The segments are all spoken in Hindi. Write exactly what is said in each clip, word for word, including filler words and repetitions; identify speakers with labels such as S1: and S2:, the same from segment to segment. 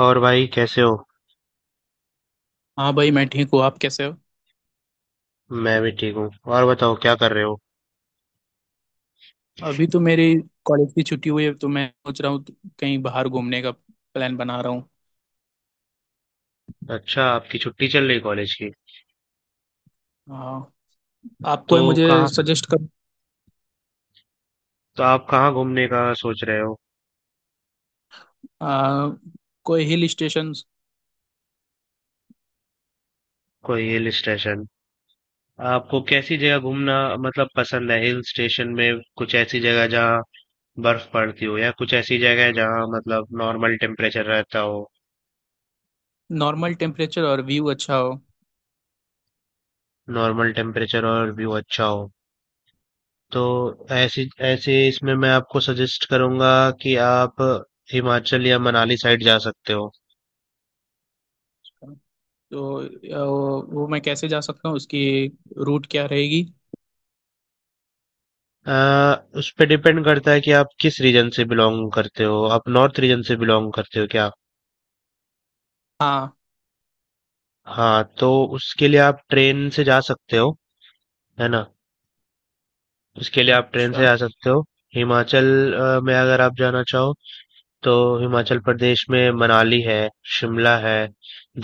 S1: और भाई कैसे हो।
S2: हाँ भाई मैं ठीक हूँ। आप कैसे हो।
S1: मैं भी ठीक हूँ। और बताओ क्या कर रहे हो?
S2: अभी तो मेरी कॉलेज की छुट्टी हुई है तो मैं सोच रहा हूँ तो कहीं बाहर घूमने का प्लान बना रहा हूँ।
S1: अच्छा, आपकी छुट्टी चल रही कॉलेज की?
S2: हाँ। आप
S1: तो
S2: कोई मुझे
S1: कहाँ,
S2: सजेस्ट कर
S1: तो आप कहाँ घूमने का सोच रहे हो?
S2: आ, कोई हिल स्टेशन।
S1: कोई हिल स्टेशन। आपको कैसी जगह घूमना मतलब पसंद है, हिल स्टेशन में? कुछ ऐसी जगह जहाँ बर्फ पड़ती हो, या कुछ ऐसी जगह जहाँ मतलब नॉर्मल टेम्परेचर रहता हो?
S2: नॉर्मल टेम्परेचर और व्यू अच्छा हो।
S1: नॉर्मल टेम्परेचर और व्यू अच्छा हो। तो ऐसी ऐसे इसमें मैं आपको सजेस्ट करूंगा कि आप हिमाचल या मनाली साइड जा सकते हो।
S2: तो आ, वो, वो मैं कैसे जा सकता हूँ उसकी रूट क्या रहेगी।
S1: अ, उस पे डिपेंड करता है कि आप किस रीजन से बिलोंग करते हो। आप नॉर्थ रीजन से बिलोंग करते हो क्या?
S2: हाँ।
S1: हाँ, तो उसके लिए आप ट्रेन से जा सकते हो, है ना। उसके लिए आप ट्रेन से
S2: अच्छा।
S1: जा सकते हो, हिमाचल अ, में अगर आप जाना चाहो तो। हिमाचल प्रदेश में मनाली है, शिमला है,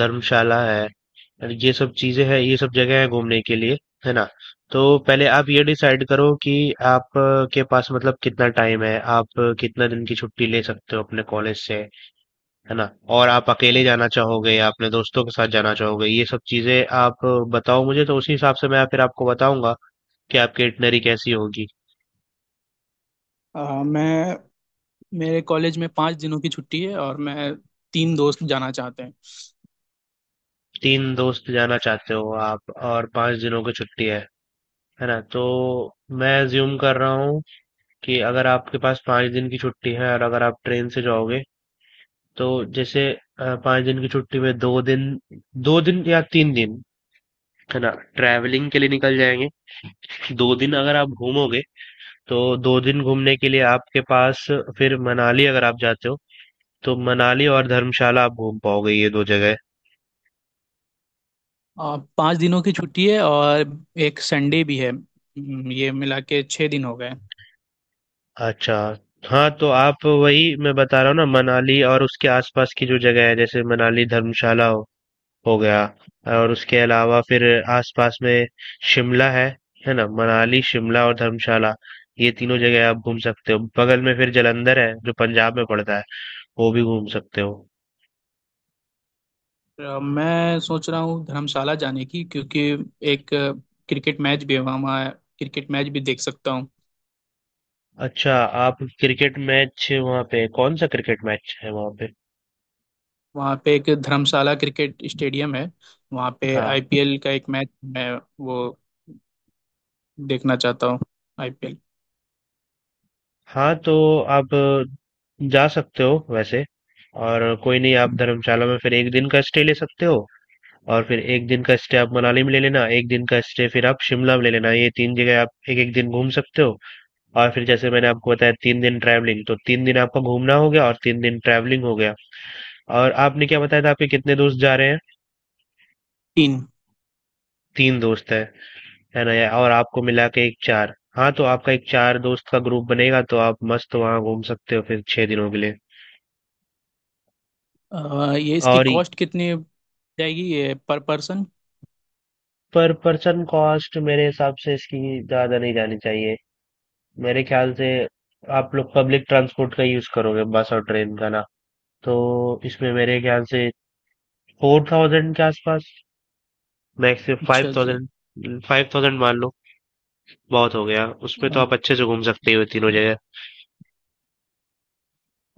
S1: धर्मशाला है, और ये सब चीजें हैं, ये सब जगह है घूमने के लिए, है ना। तो पहले आप ये डिसाइड करो कि आप अ, के पास मतलब कितना टाइम है, आप अ, कितना दिन की छुट्टी ले सकते हो अपने कॉलेज से, है ना। और आप अकेले जाना चाहोगे या अपने दोस्तों के साथ जाना चाहोगे, ये सब चीजें आप बताओ मुझे, तो उसी हिसाब से मैं फिर आपको बताऊंगा कि आपकी इटनरी कैसी होगी।
S2: आ, मैं मेरे कॉलेज में पाँच दिनों की छुट्टी है और मैं तीन दोस्त जाना चाहते हैं।
S1: तीन दोस्त जाना चाहते हो आप, और पांच दिनों की छुट्टी है है ना। तो मैं ज्यूम कर रहा हूँ कि अगर आपके पास पांच दिन की छुट्टी है, और अगर आप ट्रेन से जाओगे, तो जैसे, अ, पांच दिन की छुट्टी में दो दिन, दो दिन या तीन दिन, है ना, ट्रैवलिंग के लिए निकल जाएंगे। दो दिन अगर आप घूमोगे, तो दो दिन घूमने के लिए आपके पास। फिर मनाली अगर आप जाते हो, तो मनाली और धर्मशाला आप घूम पाओगे, ये दो जगह।
S2: आ, पाँच दिनों की छुट्टी है और एक संडे भी है। हम्म, ये मिला के छः दिन हो गए।
S1: अच्छा, हाँ तो आप, वही मैं बता रहा हूँ ना, मनाली और उसके आसपास की जो जगह है, जैसे मनाली, धर्मशाला हो, हो गया, और उसके अलावा फिर आसपास में शिमला है, है ना? मनाली, शिमला और धर्मशाला, ये तीनों जगह आप घूम सकते हो। बगल में फिर जालंधर है जो पंजाब में पड़ता है, वो भी घूम सकते हो।
S2: आ, मैं सोच रहा हूँ धर्मशाला जाने की क्योंकि एक आ, क्रिकेट मैच भी है वहाँ वहाँ क्रिकेट मैच भी देख सकता हूँ।
S1: अच्छा, आप क्रिकेट मैच वहाँ पे, कौन सा क्रिकेट मैच है वहाँ पे?
S2: वहाँ पे एक धर्मशाला क्रिकेट स्टेडियम है। वहाँ पे
S1: हाँ।
S2: आई पी एल का एक मैच मैं वो देखना चाहता हूँ। I P L.
S1: हाँ तो आप जा सकते हो वैसे, और कोई नहीं, आप धर्मशाला में फिर एक दिन का स्टे ले सकते हो, और फिर एक दिन का स्टे आप मनाली में ले लेना, एक दिन का स्टे फिर आप शिमला में ले लेना। ये तीन जगह आप एक एक दिन घूम सकते हो। और फिर जैसे मैंने आपको बताया, तीन दिन ट्रैवलिंग, तो तीन दिन आपका घूमना हो गया और तीन दिन ट्रैवलिंग हो गया। और आपने क्या बताया था, आपके कितने दोस्त जा रहे हैं?
S2: तीन।
S1: तीन दोस्त है है ना यार, और आपको मिला के एक चार, हाँ तो आपका एक चार दोस्त का ग्रुप बनेगा, तो आप मस्त वहाँ घूम सकते हो फिर छह दिनों के लिए।
S2: आ, ये इसकी
S1: और ये-
S2: कॉस्ट कितनी जाएगी ये per person.
S1: Per person cost मेरे हिसाब से इसकी ज्यादा नहीं जानी चाहिए। मेरे ख्याल से आप लोग पब्लिक ट्रांसपोर्ट का यूज करोगे, बस और ट्रेन का ना। तो इसमें मेरे ख्याल से फोर थाउजेंड के आसपास, मैक्स फाइव
S2: अच्छा जी।
S1: थाउजेंड फाइव थाउजेंड मान लो, बहुत हो गया उसमें, तो आप अच्छे से घूम सकते हो तीनों जगह।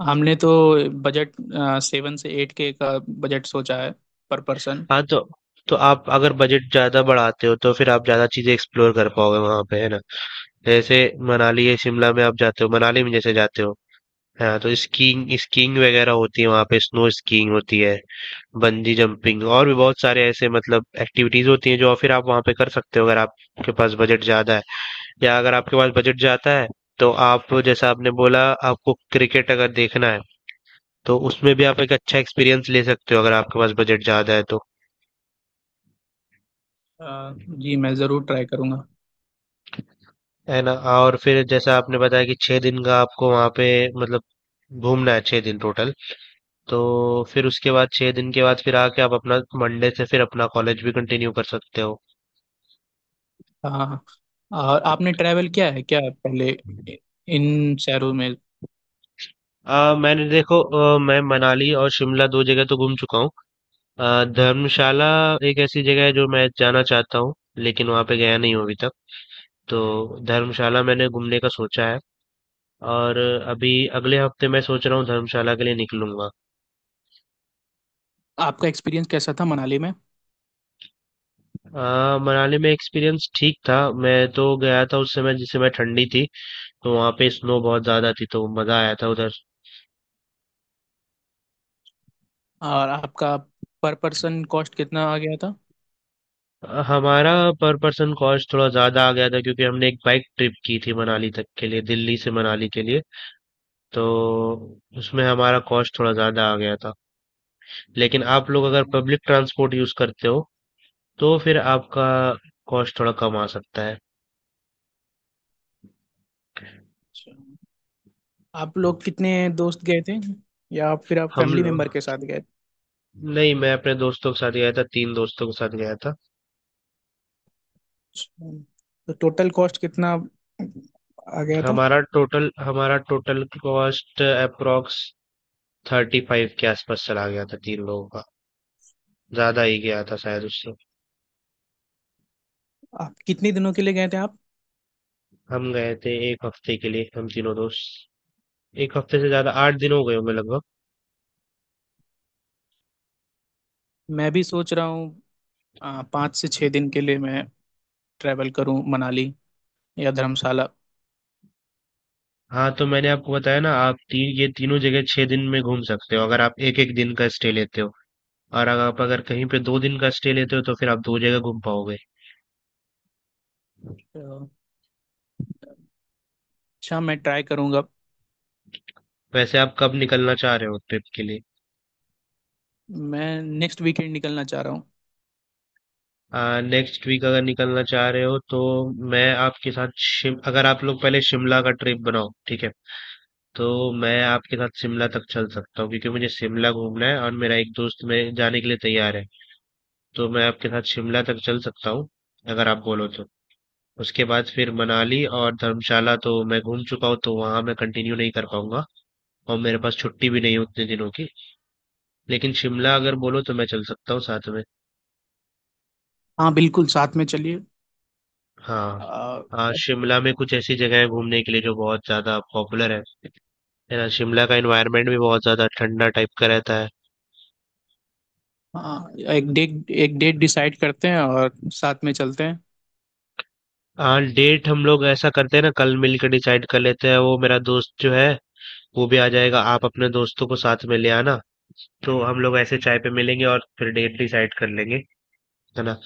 S2: हमने तो बजट सेवन से एट के का बजट सोचा है पर पर्सन।
S1: हाँ तो तो आप अगर बजट ज़्यादा बढ़ाते हो, तो फिर आप ज़्यादा चीज़ें एक्सप्लोर कर पाओगे वहाँ पे, है ना। जैसे मनाली या शिमला में आप जाते हो, मनाली में जैसे जाते हो, हाँ तो स्कीइंग स्कीइंग वगैरह होती है वहाँ पे, स्नो स्कीइंग होती है, बंजी जंपिंग, और भी बहुत सारे ऐसे मतलब एक्टिविटीज होती हैं जो फिर आप वहाँ पे कर सकते हो अगर आपके पास बजट ज़्यादा है। या अगर आपके पास बजट ज़्यादा है, तो आप, जैसा आपने बोला, आपको क्रिकेट अगर देखना है, तो उसमें भी आप एक अच्छा एक्सपीरियंस ले सकते हो अगर आपके पास बजट ज़्यादा है तो।
S2: जी मैं ज़रूर ट्राई करूँगा।
S1: है ना। और फिर जैसा आपने बताया कि छह दिन का आपको वहां पे मतलब घूमना है, छह दिन टोटल, तो फिर उसके बाद छह दिन के बाद फिर आके आप अपना मंडे से फिर अपना कॉलेज भी कंटिन्यू कर सकते हो।
S2: हाँ। और आपने ट्रैवल किया है क्या पहले इन शहरों में।
S1: आ, मैंने देखो, अ, मैं मनाली और शिमला दो जगह तो घूम चुका हूँ। अ, धर्मशाला एक ऐसी जगह है जो मैं जाना चाहता हूँ, लेकिन वहां पे गया नहीं हूँ अभी तक। तो धर्मशाला मैंने घूमने का सोचा है, और अभी अगले हफ्ते मैं सोच रहा हूँ धर्मशाला के लिए निकलूंगा।
S2: आपका एक्सपीरियंस कैसा था मनाली में।
S1: आ, मनाली में एक्सपीरियंस ठीक था। मैं तो गया था उस समय जिस समय ठंडी थी, तो वहाँ पे स्नो बहुत ज्यादा थी, तो मजा आया था उधर।
S2: और आपका पर पर्सन कॉस्ट कितना आ गया था।
S1: अ, हमारा पर पर्सन कॉस्ट थोड़ा ज्यादा आ गया था क्योंकि हमने एक बाइक ट्रिप की थी मनाली तक के लिए, दिल्ली से मनाली के लिए। तो उसमें हमारा कॉस्ट थोड़ा ज्यादा आ गया था। लेकिन आप लोग अगर पब्लिक ट्रांसपोर्ट यूज करते हो, तो फिर आपका कॉस्ट थोड़ा कम आ सकता है।
S2: अच्छा। आप लोग कितने दोस्त गए थे या फिर आप
S1: हम
S2: फैमिली
S1: लोग,
S2: मेंबर के साथ गए।
S1: नहीं, मैं अपने दोस्तों के साथ गया था, तीन दोस्तों के साथ गया था।
S2: तो टोटल कॉस्ट कितना आ गया था।
S1: हमारा टोटल हमारा total cost approx thirty five के आसपास चला गया था तीन लोगों का, ज्यादा ही गया था शायद उससे।
S2: आप कितने दिनों के लिए गए थे आप।
S1: हम गए थे एक हफ्ते के लिए, हम तीनों दोस्त। एक हफ्ते से ज्यादा, आठ दिन हो गए होंगे लगभग।
S2: मैं भी सोच रहा हूँ आ, पाँच से छः दिन के लिए मैं ट्रैवल करूँ मनाली या धर्मशाला।
S1: हाँ तो मैंने आपको बताया ना, आप तीन, ये तीनों जगह छह दिन में घूम सकते हो अगर आप एक एक दिन का स्टे लेते हो। और अगर आप, अगर कहीं पे दो दिन का स्टे लेते हो, तो फिर आप दो जगह घूम पाओगे।
S2: तो अच्छा। मैं ट्राई करूँगा।
S1: वैसे आप कब निकलना चाह रहे हो ट्रिप के लिए?
S2: मैं नेक्स्ट वीकेंड निकलना चाह रहा हूँ।
S1: नेक्स्ट वीक अगर निकलना चाह रहे हो तो, मैं आपके साथ शिम अगर आप लोग पहले शिमला का ट्रिप बनाओ, ठीक है, तो मैं आपके साथ शिमला तक चल सकता हूँ क्योंकि मुझे शिमला घूमना है, और मेरा एक दोस्त मेरे जाने के लिए तैयार है, तो मैं आपके साथ शिमला तक चल सकता हूँ अगर आप बोलो तो। उसके बाद फिर मनाली और धर्मशाला तो मैं घूम चुका हूँ, तो वहां मैं कंटिन्यू नहीं कर पाऊंगा, और मेरे पास छुट्टी भी नहीं है उतने दिनों की। लेकिन शिमला अगर बोलो तो मैं चल सकता हूँ साथ में।
S2: हाँ बिल्कुल साथ में चलिए।
S1: हाँ।
S2: आ,
S1: हाँ, शिमला में कुछ ऐसी जगह है घूमने के लिए जो बहुत ज्यादा पॉपुलर है है ना। शिमला का एनवायरनमेंट भी बहुत ज्यादा ठंडा टाइप का रहता है।
S2: हाँ एक डेट एक डेट डिसाइड करते हैं और साथ में चलते
S1: हाँ, डेट हम लोग ऐसा करते हैं ना, कल मिलकर डिसाइड कर लेते हैं। वो मेरा दोस्त जो है, वो भी आ जाएगा। आप अपने दोस्तों को साथ में ले आना, तो हम लोग ऐसे चाय पे मिलेंगे और फिर डेट डिसाइड कर लेंगे, है ना।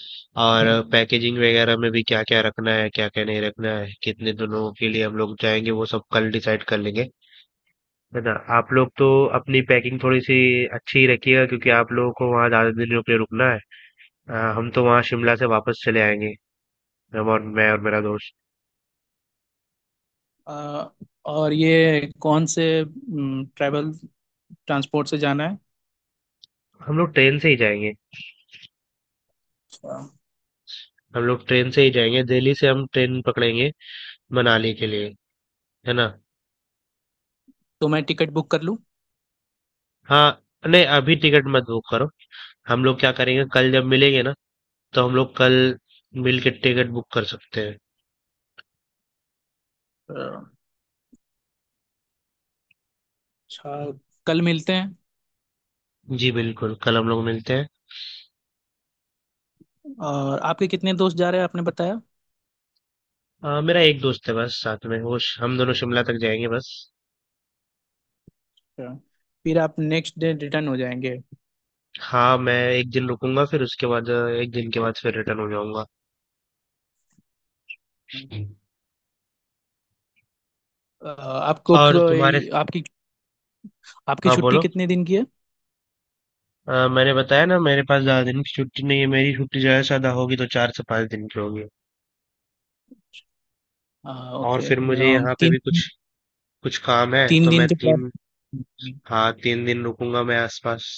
S1: और
S2: हैं।
S1: पैकेजिंग वगैरह में भी क्या क्या रखना है, क्या क्या नहीं रखना है, कितने दिनों के लिए हम लोग जाएंगे, वो सब कल डिसाइड कर लेंगे, है ना। आप लोग तो अपनी पैकिंग थोड़ी सी अच्छी ही रखिएगा क्योंकि आप लोगों को वहाँ ज़्यादा दिन रुक रुकना है। अ, हम तो वहाँ शिमला से वापस चले आएंगे, हम और, मैं और मेरा दोस्त।
S2: अ, और ये कौन से ट्रैवल ट्रांसपोर्ट से जाना है।
S1: हम लोग ट्रेन से ही जाएंगे।
S2: अ,
S1: हम लोग ट्रेन से ही जाएंगे, दिल्ली से हम ट्रेन पकड़ेंगे मनाली के लिए, है ना।
S2: तो मैं टिकट बुक कर लूँ।
S1: हाँ, नहीं अभी टिकट मत बुक करो। हम लोग क्या करेंगे, कल जब मिलेंगे ना, तो हम लोग कल मिल के टिकट बुक कर सकते हैं।
S2: अ, अच्छा। कल मिलते हैं।
S1: जी बिल्कुल, कल हम लोग मिलते हैं।
S2: और आपके कितने दोस्त जा रहे हैं आपने बताया।
S1: अ, मेरा एक दोस्त है बस साथ में, वो श- हम दोनों शिमला तक जाएंगे बस।
S2: अ, फिर आप नेक्स्ट डे रिटर्न हो जाएंगे।
S1: हाँ, मैं एक दिन रुकूंगा, फिर उसके बाद अ, एक दिन के बाद फिर रिटर्न हो जाऊंगा।
S2: अ, आपको
S1: और
S2: कोई
S1: तुम्हारे,
S2: आपकी आपकी
S1: हाँ
S2: छुट्टी
S1: बोलो।
S2: कितने दिन की है।
S1: अ, मैंने बताया ना मेरे पास ज्यादा दिन की छुट्टी नहीं है, मेरी छुट्टी ज्यादा से ज्यादा होगी तो चार से पांच दिन की होगी।
S2: अ,
S1: और
S2: ओके।
S1: फिर मुझे
S2: अ,
S1: यहाँ पे
S2: तीन।
S1: भी कुछ कुछ काम है
S2: तीन
S1: तो
S2: दिन
S1: मैं
S2: के बाद।
S1: तीन, हाँ तीन दिन रुकूंगा मैं आसपास।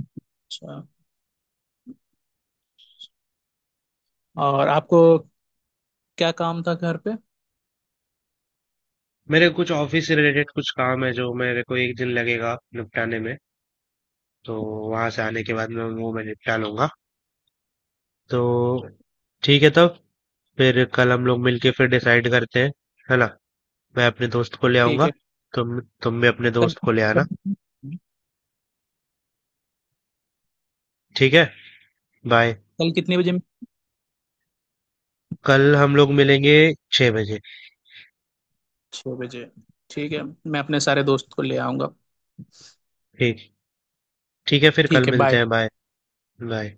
S2: अच्छा। और आपको क्या काम था घर पे।
S1: मेरे कुछ ऑफिस से रिलेटेड कुछ काम है जो मेरे को एक दिन लगेगा निपटाने में, तो वहां से आने के बाद मैं वो मैं निपटा लूंगा। तो ठीक है तब, फिर कल हम लोग मिलके फिर डिसाइड करते हैं, है ना। मैं अपने दोस्त को ले
S2: ठीक
S1: आऊंगा,
S2: है।
S1: तुम तुम भी अपने
S2: कल
S1: दोस्त को ले आना।
S2: कल
S1: ठीक है, बाय।
S2: कल कितने बजे।
S1: कल हम लोग मिलेंगे छह बजे।
S2: छः बजे। ठीक है। मैं अपने सारे दोस्त को ले आऊँगा।
S1: ठीक, ठीक है, फिर कल
S2: ठीक है।
S1: मिलते
S2: बाय।
S1: हैं। बाय। बाय।